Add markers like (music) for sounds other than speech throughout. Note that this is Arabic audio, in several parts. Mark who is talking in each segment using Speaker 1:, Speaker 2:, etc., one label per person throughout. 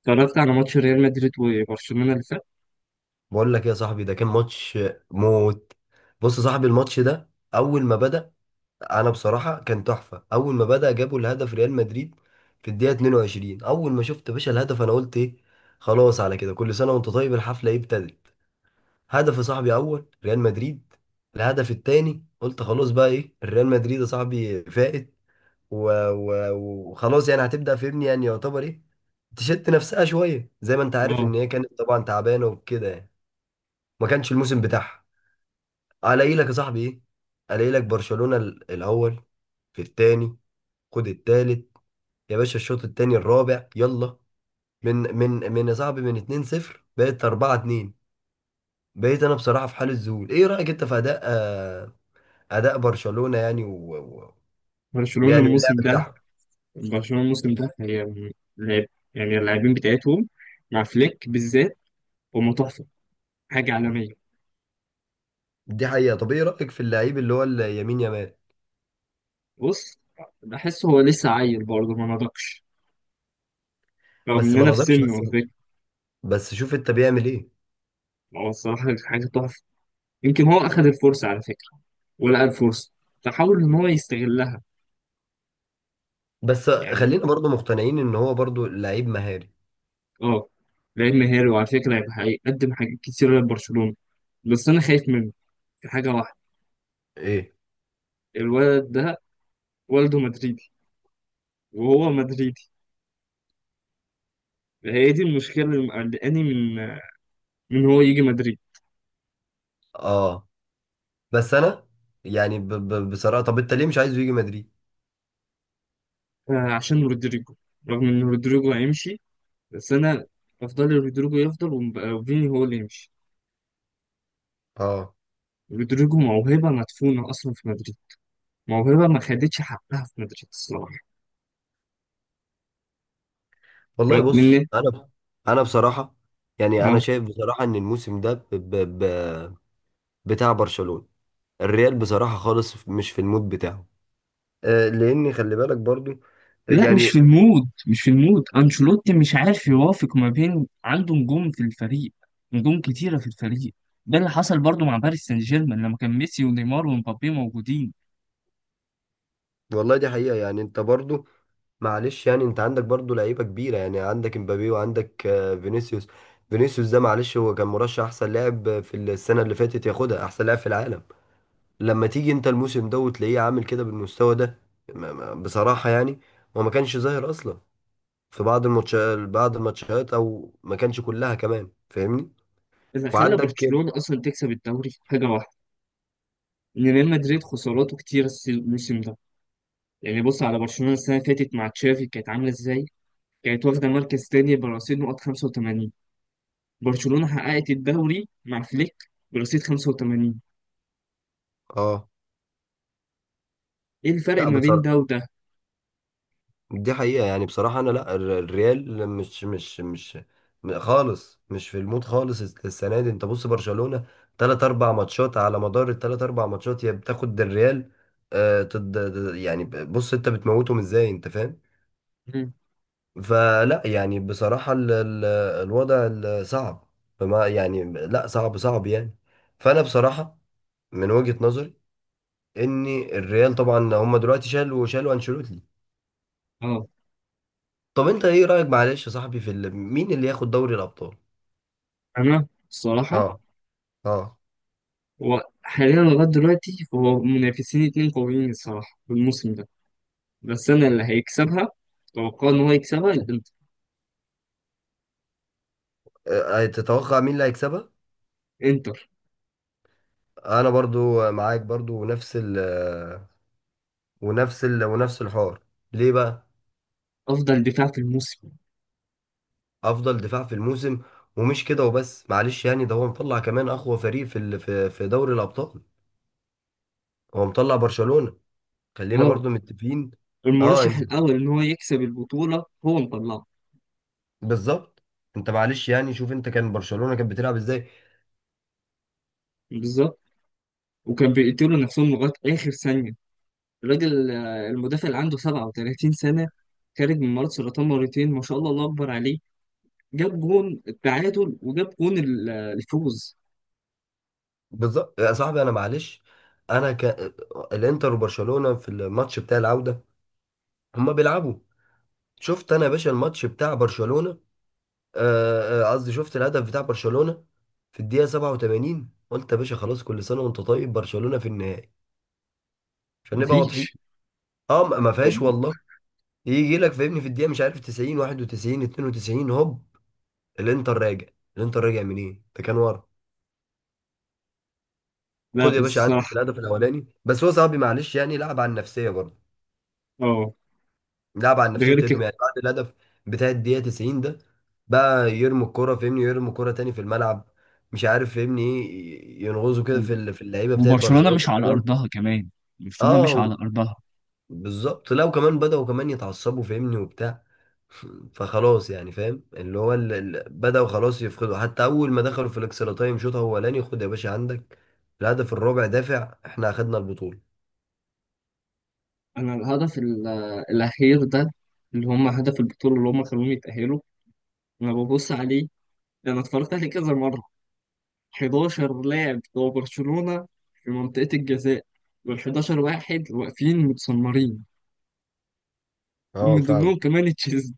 Speaker 1: اتفرجت على ماتش ريال مدريد وبرشلونة اللي فات.
Speaker 2: بقول لك يا صاحبي ده كان ماتش موت. بص يا صاحبي الماتش ده اول ما بدأ، انا بصراحة كان تحفة. اول ما بدأ جابوا الهدف ريال مدريد في الدقيقة 22. اول ما شفت يا باشا الهدف انا قلت ايه، خلاص على كده، كل سنة وانت طيب، الحفلة ايه ابتدت. هدف يا صاحبي اول ريال مدريد، الهدف التاني قلت خلاص، بقى ايه الريال مدريد يا صاحبي فائت. و- و- وخلاص يعني هتبدأ، فهمني يعني يعتبر ايه، تشت نفسها شوية، زي ما انت عارف ان
Speaker 1: اه،
Speaker 2: هي كانت طبعا تعبانة وكده يعني، ما كانش الموسم بتاعها. الاقي لك يا صاحبي ايه، الاقي لك برشلونة الاول، في الثاني، خد الثالث، يا باشا الشوط الثاني الرابع يلا. من يا صاحبي من 2-0 بقت 4-2. بقيت انا بصراحة في حالة ذهول. ايه رأيك انت في اداء اداء برشلونة يعني و... و...
Speaker 1: برشلونة
Speaker 2: ويعني اللعب
Speaker 1: الموسم ده
Speaker 2: بتاعهم.
Speaker 1: برشلونة الموسم ده لعب. يعني اللاعبين بتاعتهم مع فليك بالذات هم تحفة، حاجة عالمية.
Speaker 2: دي حقيقة. طب ايه رأيك في اللعيب اللي هو اليمين يامال؟
Speaker 1: بص، بحس هو لسه عيل برضه ما نضجش رغم
Speaker 2: بس
Speaker 1: ان
Speaker 2: ما
Speaker 1: انا في
Speaker 2: نضجش،
Speaker 1: سنه على
Speaker 2: بس
Speaker 1: فكرة.
Speaker 2: بس شوف انت بيعمل ايه.
Speaker 1: هو الصراحة حاجة تحفة. يمكن هو اخذ الفرصة على فكرة ولقى الفرصة فحاول ان هو يستغلها.
Speaker 2: بس
Speaker 1: يعني
Speaker 2: خلينا برضو مقتنعين ان هو برضو لعيب مهاري.
Speaker 1: اه لعيب مهاري وعلى فكرة هيبقى هيقدم حاجات كتيرة لبرشلونة. بس انا خايف منه في حاجة واحدة.
Speaker 2: ايه؟
Speaker 1: الولد ده والده مدريدي وهو مدريدي. هي دي المشكلة اللي مقلقاني من هو يجي مدريد.
Speaker 2: اه. بس انا يعني ب ب بصراحه طب انت ليه مش عايزه يجي مدريد؟
Speaker 1: عشان رودريجو. رغم إن رودريجو هيمشي، بس أنا أفضل رودريجو يفضل ومبقى وفيني هو اللي يمشي.
Speaker 2: اه.
Speaker 1: رودريجو موهبة مدفونة أصلا في مدريد، موهبة ما خدتش حقها في مدريد الصراحة.
Speaker 2: والله
Speaker 1: رغم
Speaker 2: بص
Speaker 1: إن
Speaker 2: انا، انا بصراحه يعني انا
Speaker 1: أه
Speaker 2: شايف بصراحه ان الموسم ده ب ب ب بتاع برشلونه. الريال بصراحه خالص مش في المود بتاعه، آه لان خلي بالك برضو
Speaker 1: لا، مش في
Speaker 2: يعني.
Speaker 1: المود مش في المود أنشيلوتي مش عارف يوافق ما بين عنده نجوم في الفريق، نجوم كتيرة في الفريق. ده اللي حصل برضو مع باريس سان جيرمان لما كان ميسي ونيمار ومبابي موجودين.
Speaker 2: والله دي حقيقه يعني، انت برضو معلش يعني انت عندك برضو لعيبه كبيره، يعني عندك امبابي وعندك فينيسيوس. فينيسيوس ده معلش هو كان مرشح احسن لاعب في السنه اللي فاتت ياخدها احسن لاعب في العالم، لما تيجي انت الموسم ده وتلاقيه عامل كده بالمستوى ده، بصراحة يعني هو ما كانش ظاهر اصلا في بعض الماتشات، بعض الماتشات او ما كانش كلها كمان فاهمني،
Speaker 1: اللي خلى
Speaker 2: وعندك كده.
Speaker 1: برشلونة أصلا تكسب الدوري حاجة واحدة، إن ريال مدريد خساراته كتير الموسم ده. يعني بص على برشلونة السنة اللي فاتت مع تشافي كانت عاملة إزاي. كانت واخدة مركز تاني برصيد نقط 85. برشلونة حققت الدوري مع فليك برصيد 85.
Speaker 2: اه.
Speaker 1: إيه الفرق
Speaker 2: لا
Speaker 1: ما بين
Speaker 2: بصراحة
Speaker 1: ده وده؟
Speaker 2: دي حقيقة، يعني بصراحة انا لا، الريال مش خالص مش في المود خالص، السنة دي انت بص برشلونة تلات اربع ماتشات، على مدار التلات اربع ماتشات يا بتاخد الريال، آه تد... يعني بص انت بتموتهم ازاي انت فاهم.
Speaker 1: مم.
Speaker 2: فلا يعني بصراحة ال الوضع صعب، فما يعني لا صعب صعب يعني. فأنا بصراحة من وجهة نظري إن الريال طبعا هم دلوقتي شالوا أنشيلوتي.
Speaker 1: اه،
Speaker 2: طب أنت إيه رأيك معلش يا صاحبي في مين اللي ياخد دوري الأبطال؟
Speaker 1: انا الصراحه
Speaker 2: أه. أه.
Speaker 1: هو حاليا لغايه دلوقتي هو منافسين اتنين قويين الصراحه في الموسم ده. بس انا اللي هيكسبها اتوقع ان هو يكسبها الانتر.
Speaker 2: أه، تتوقع مين اللي هيكسبها؟
Speaker 1: انتر.
Speaker 2: أنا برضو معاك برضو ونفس ونفس الحوار. ليه بقى؟
Speaker 1: افضل دفاع في الموسم.
Speaker 2: افضل دفاع في الموسم. ومش كده وبس، معلش يعني ده هو مطلع كمان اقوى فريق في في دوري الابطال، هو مطلع برشلونة، خلينا
Speaker 1: اه،
Speaker 2: برضو متفقين. اه.
Speaker 1: المرشح الأول إن هو يكسب البطولة هو مطلعه.
Speaker 2: بالظبط. انت معلش يعني شوف انت كان برشلونة كانت بتلعب ازاي.
Speaker 1: بالظبط، وكان بيقتلوا نفسهم لغاية آخر ثانية. الراجل، المدافع اللي عنده 37 سنة، خارج من مرض سرطان مرتين، ما شاء الله، الله أكبر عليه. جاب جون التعادل وجاب جون الفوز.
Speaker 2: بالظبط يا صاحبي. انا معلش انا ك... الانتر وبرشلونة في الماتش بتاع العودة هما بيلعبوا. شفت انا يا باشا الماتش بتاع برشلونة، قصدي شفت الهدف بتاع برشلونة في الدقيقة 87، قلت يا باشا خلاص، كل سنة وانت طيب، برشلونة في النهائي عشان نبقى واضحين.
Speaker 1: مفيش.
Speaker 2: اه ما ما فيهاش والله. يجي لك فاهمني في الدقيقه مش عارف 90 91 92 هوب الانتر راجع. الانتر راجع منين؟ ده كان ورا.
Speaker 1: لا
Speaker 2: خد
Speaker 1: بس
Speaker 2: يا باشا عندك
Speaker 1: الصراحة
Speaker 2: الهدف الاولاني، بس هو صاحبي معلش يعني لعب على النفسيه برضه،
Speaker 1: اه،
Speaker 2: لعب على
Speaker 1: ده
Speaker 2: النفسيه
Speaker 1: غير
Speaker 2: بتاعتهم
Speaker 1: كده.
Speaker 2: يعني. بعد الهدف بتاع الدقيقه 90 ده بقى يرموا الكرة، فاهمني يرموا الكرة تاني في الملعب، مش عارف فاهمني ايه، ينغزوا كده في اللعيبه بتاعت
Speaker 1: وبرشلونة
Speaker 2: برشلونه.
Speaker 1: مش على أرضها كمان، برشلونة مش على
Speaker 2: اه
Speaker 1: أرضها.
Speaker 2: بالظبط. لا وكمان بدأوا كمان يتعصبوا فاهمني وبتاع. (laughs) فخلاص يعني فاهم اللي هو بدأوا خلاص يفقدوا، حتى أول ما دخلوا في الإكسترا تايم شوط أولاني، خد يا باشا عندك الهدف الرابع دافع، إحنا أخدنا البطولة.
Speaker 1: أنا الهدف الأخير ده، اللي هم هدف البطولة اللي هم خلوهم يتأهلوا، أنا ببص عليه. ده انا اتفرجت عليه كذا مره. 11 لاعب بتوع برشلونه في منطقه الجزاء، وال 11 واحد واقفين متسمرين،
Speaker 2: اه
Speaker 1: ومن
Speaker 2: فاهم.
Speaker 1: ضمنهم كمان تشيزني.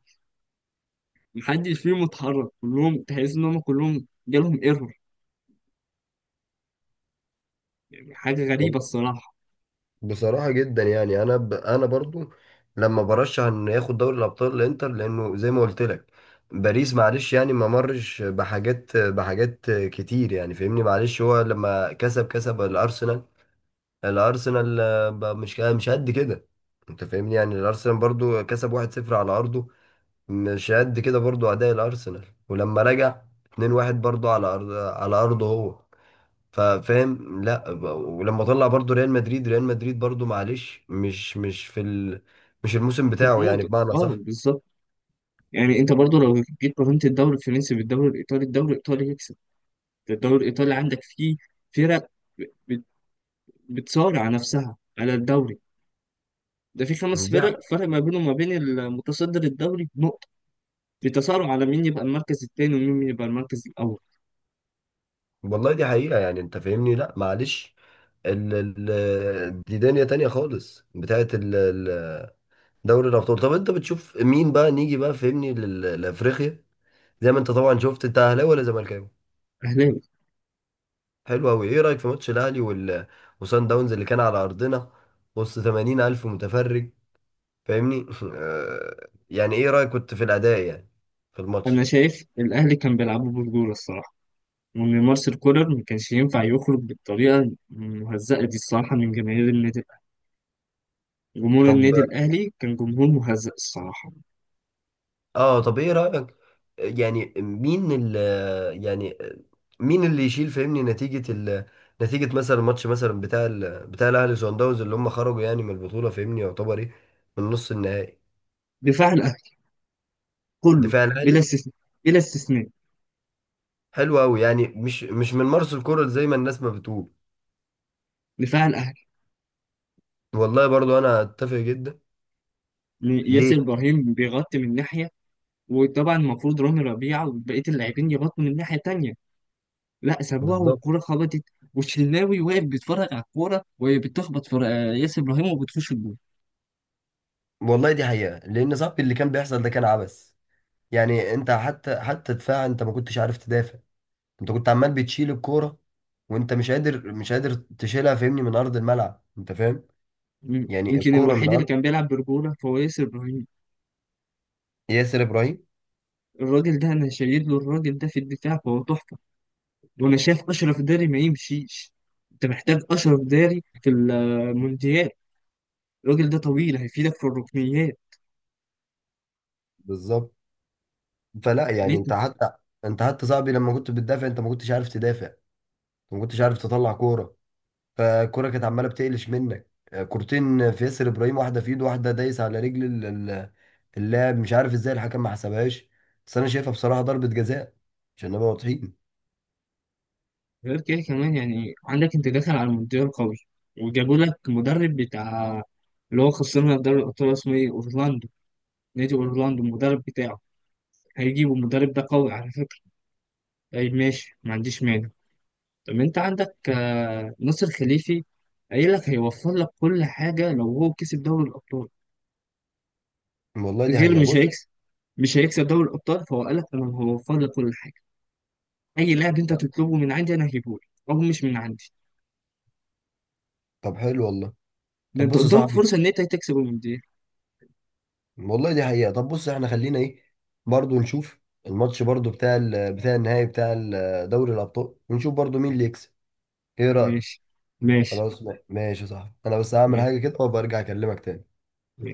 Speaker 1: محدش فيهم اتحرك، كلهم تحس ان هم كلهم جالهم ايرور. يعني حاجه غريبه
Speaker 2: والله
Speaker 1: الصراحه.
Speaker 2: بصراحة جدا يعني أنا برضو لما برشح إنه ياخد دوري الأبطال الإنتر، لأنه زي ما قلت لك باريس معلش يعني ما مرش بحاجات كتير يعني فاهمني، معلش هو لما كسب، كسب الأرسنال، الارسنال آه، بقى مش قد كده. انت فاهمني يعني الارسنال برضو كسب 1-0 على ارضه، مش قد كده برضو اداء الارسنال. ولما رجع 2-1 برضو على ارضه هو، ففاهم لا، ولما طلع برضو ريال مدريد برضو معلش مش في ال... مش الموسم
Speaker 1: في
Speaker 2: بتاعه يعني
Speaker 1: الموضوع
Speaker 2: بمعنى
Speaker 1: اه،
Speaker 2: صح.
Speaker 1: بالظبط. يعني انت برضو لو جيت قارنت الدوري الفرنسي بالدوري الايطالي، الدوري الايطالي يكسب. ده الدوري الايطالي عندك فيه فرق بت- بتصارع نفسها على الدوري. ده في خمس
Speaker 2: دي ح-
Speaker 1: فرق، فرق ما بينهم وما بين المتصدر الدوري، بتصارع على مين يبقى المركز التاني ومين يبقى المركز الأول.
Speaker 2: والله دي حقيقة، يعني انت فاهمني لا معلش، ال... دي دنيا تانية خالص بتاعت دوري الابطال. طب انت بتشوف مين بقى نيجي بقى فهمني لافريقيا؟ زي ما انت طبعا شفت، انت اهلاوي ولا زملكاوي؟
Speaker 1: أهلاوي.
Speaker 2: حلو قوي. ايه رايك في ماتش الاهلي وسان داونز اللي كان على ارضنا وسط 80 الف متفرج فاهمني؟ (laughs) آه، يعني ايه رايك كنت في الاداء يعني في الماتش؟
Speaker 1: أنا شايف الأهلي كان بيلعبوا برجولة الصراحة، وإن مارسيل كولر ما كانش ينفع يخرج بالطريقة المهزأة دي الصراحة من جماهير النادي الأهلي. جمهور
Speaker 2: طب
Speaker 1: النادي الأهلي كان جمهور مهزأ الصراحة.
Speaker 2: اه، طب ايه رأيك؟ يعني مين ال يعني مين اللي يشيل فهمني نتيجة مثلا الماتش، مثلا بتاع بتاع الاهلي وصن داونز اللي هم خرجوا يعني من البطولة فهمني، يعتبر ايه، من نص النهائي؟
Speaker 1: دفاع الأهلي كله،
Speaker 2: دفاع
Speaker 1: بلا
Speaker 2: الاهلي.
Speaker 1: استثناء، بلا استثناء.
Speaker 2: حلو قوي. يعني مش مش من مارس الكرة زي ما الناس ما بتقول؟
Speaker 1: دفاع الأهلي.
Speaker 2: والله برضو انا اتفق جدا.
Speaker 1: ياسر
Speaker 2: ليه؟
Speaker 1: إبراهيم بيغطي من ناحية، وطبعا المفروض رامي ربيعة وبقية اللاعبين يغطوا من ناحية تانية. لا، سابوها
Speaker 2: بالظبط.
Speaker 1: والكورة خبطت. والشناوي واقف بيتفرج على الكورة وهي بتخبط في ياسر إبراهيم وبتخش الجول.
Speaker 2: والله دي حقيقة، لان صاحبي اللي كان بيحصل ده كان عبث، يعني انت حتى حتى دفاع انت ما كنتش عارف تدافع، انت كنت عمال بتشيل الكوره وانت مش قادر تشيلها فاهمني من ارض الملعب انت فاهم.
Speaker 1: مم.
Speaker 2: يعني
Speaker 1: يمكن
Speaker 2: الكوره من
Speaker 1: الوحيد اللي
Speaker 2: ارض
Speaker 1: كان بيلعب برجولة فهو ياسر إبراهيم.
Speaker 2: ياسر ابراهيم.
Speaker 1: الراجل ده أنا شايل له، الراجل ده في الدفاع فهو تحفة. وأنا شايف أشرف داري ما يمشيش، أنت محتاج أشرف داري في المونديال. الراجل ده طويل هيفيدك في الركنيات.
Speaker 2: بالظبط. فلا يعني
Speaker 1: ليه؟
Speaker 2: انت حتى صاحبي لما كنت بتدافع انت ما كنتش عارف تدافع، انت ما كنتش عارف تطلع كوره، فالكوره كانت عماله بتقلش منك آه، كورتين في ياسر ابراهيم، واحده في ايده واحده دايس على رجل ال- اللاعب، مش عارف ازاي الحكم ما حسبهاش، بس انا شايفها بصراحه ضربه جزاء عشان نبقى واضحين.
Speaker 1: غير كده كمان، يعني عندك أنت داخل على المونديال قوي وجابوا لك مدرب بتاع اللي هو خسرنا دوري الأبطال اسمه إيه أورلاندو، نادي اورلاندو المدرب بتاعه. هيجيبوا المدرب ده قوي على فكره. اي ماشي، ما عنديش مانع. طب انت عندك ناصر خليفي قايل لك هيوفر لك كل حاجه لو هو كسب دوري الابطال.
Speaker 2: والله دي
Speaker 1: غير
Speaker 2: حقيقه
Speaker 1: مش
Speaker 2: بص.
Speaker 1: هيكسب، مش هيكسب دوري الابطال فهو قال لك انا هوفر لك كل حاجه، اي لاعب انت تطلبه من عندي انا هجيبه لك او مش من عندي.
Speaker 2: طب حلو والله.
Speaker 1: ده
Speaker 2: طب
Speaker 1: انت
Speaker 2: بص يا
Speaker 1: قدامك
Speaker 2: صاحبي
Speaker 1: فرصه ان انت تكسب المونديال.
Speaker 2: والله دي حقيقة، طب بص احنا خلينا ايه برضو نشوف الماتش برضو بتاع بتاع النهائي بتاع دوري الأبطال، ونشوف برضو مين اللي يكسب، ايه رأيك؟
Speaker 1: ماشي، ماشي،
Speaker 2: خلاص ماشي صح، انا بس هعمل
Speaker 1: ماشي.
Speaker 2: حاجة كده وبرجع اكلمك تاني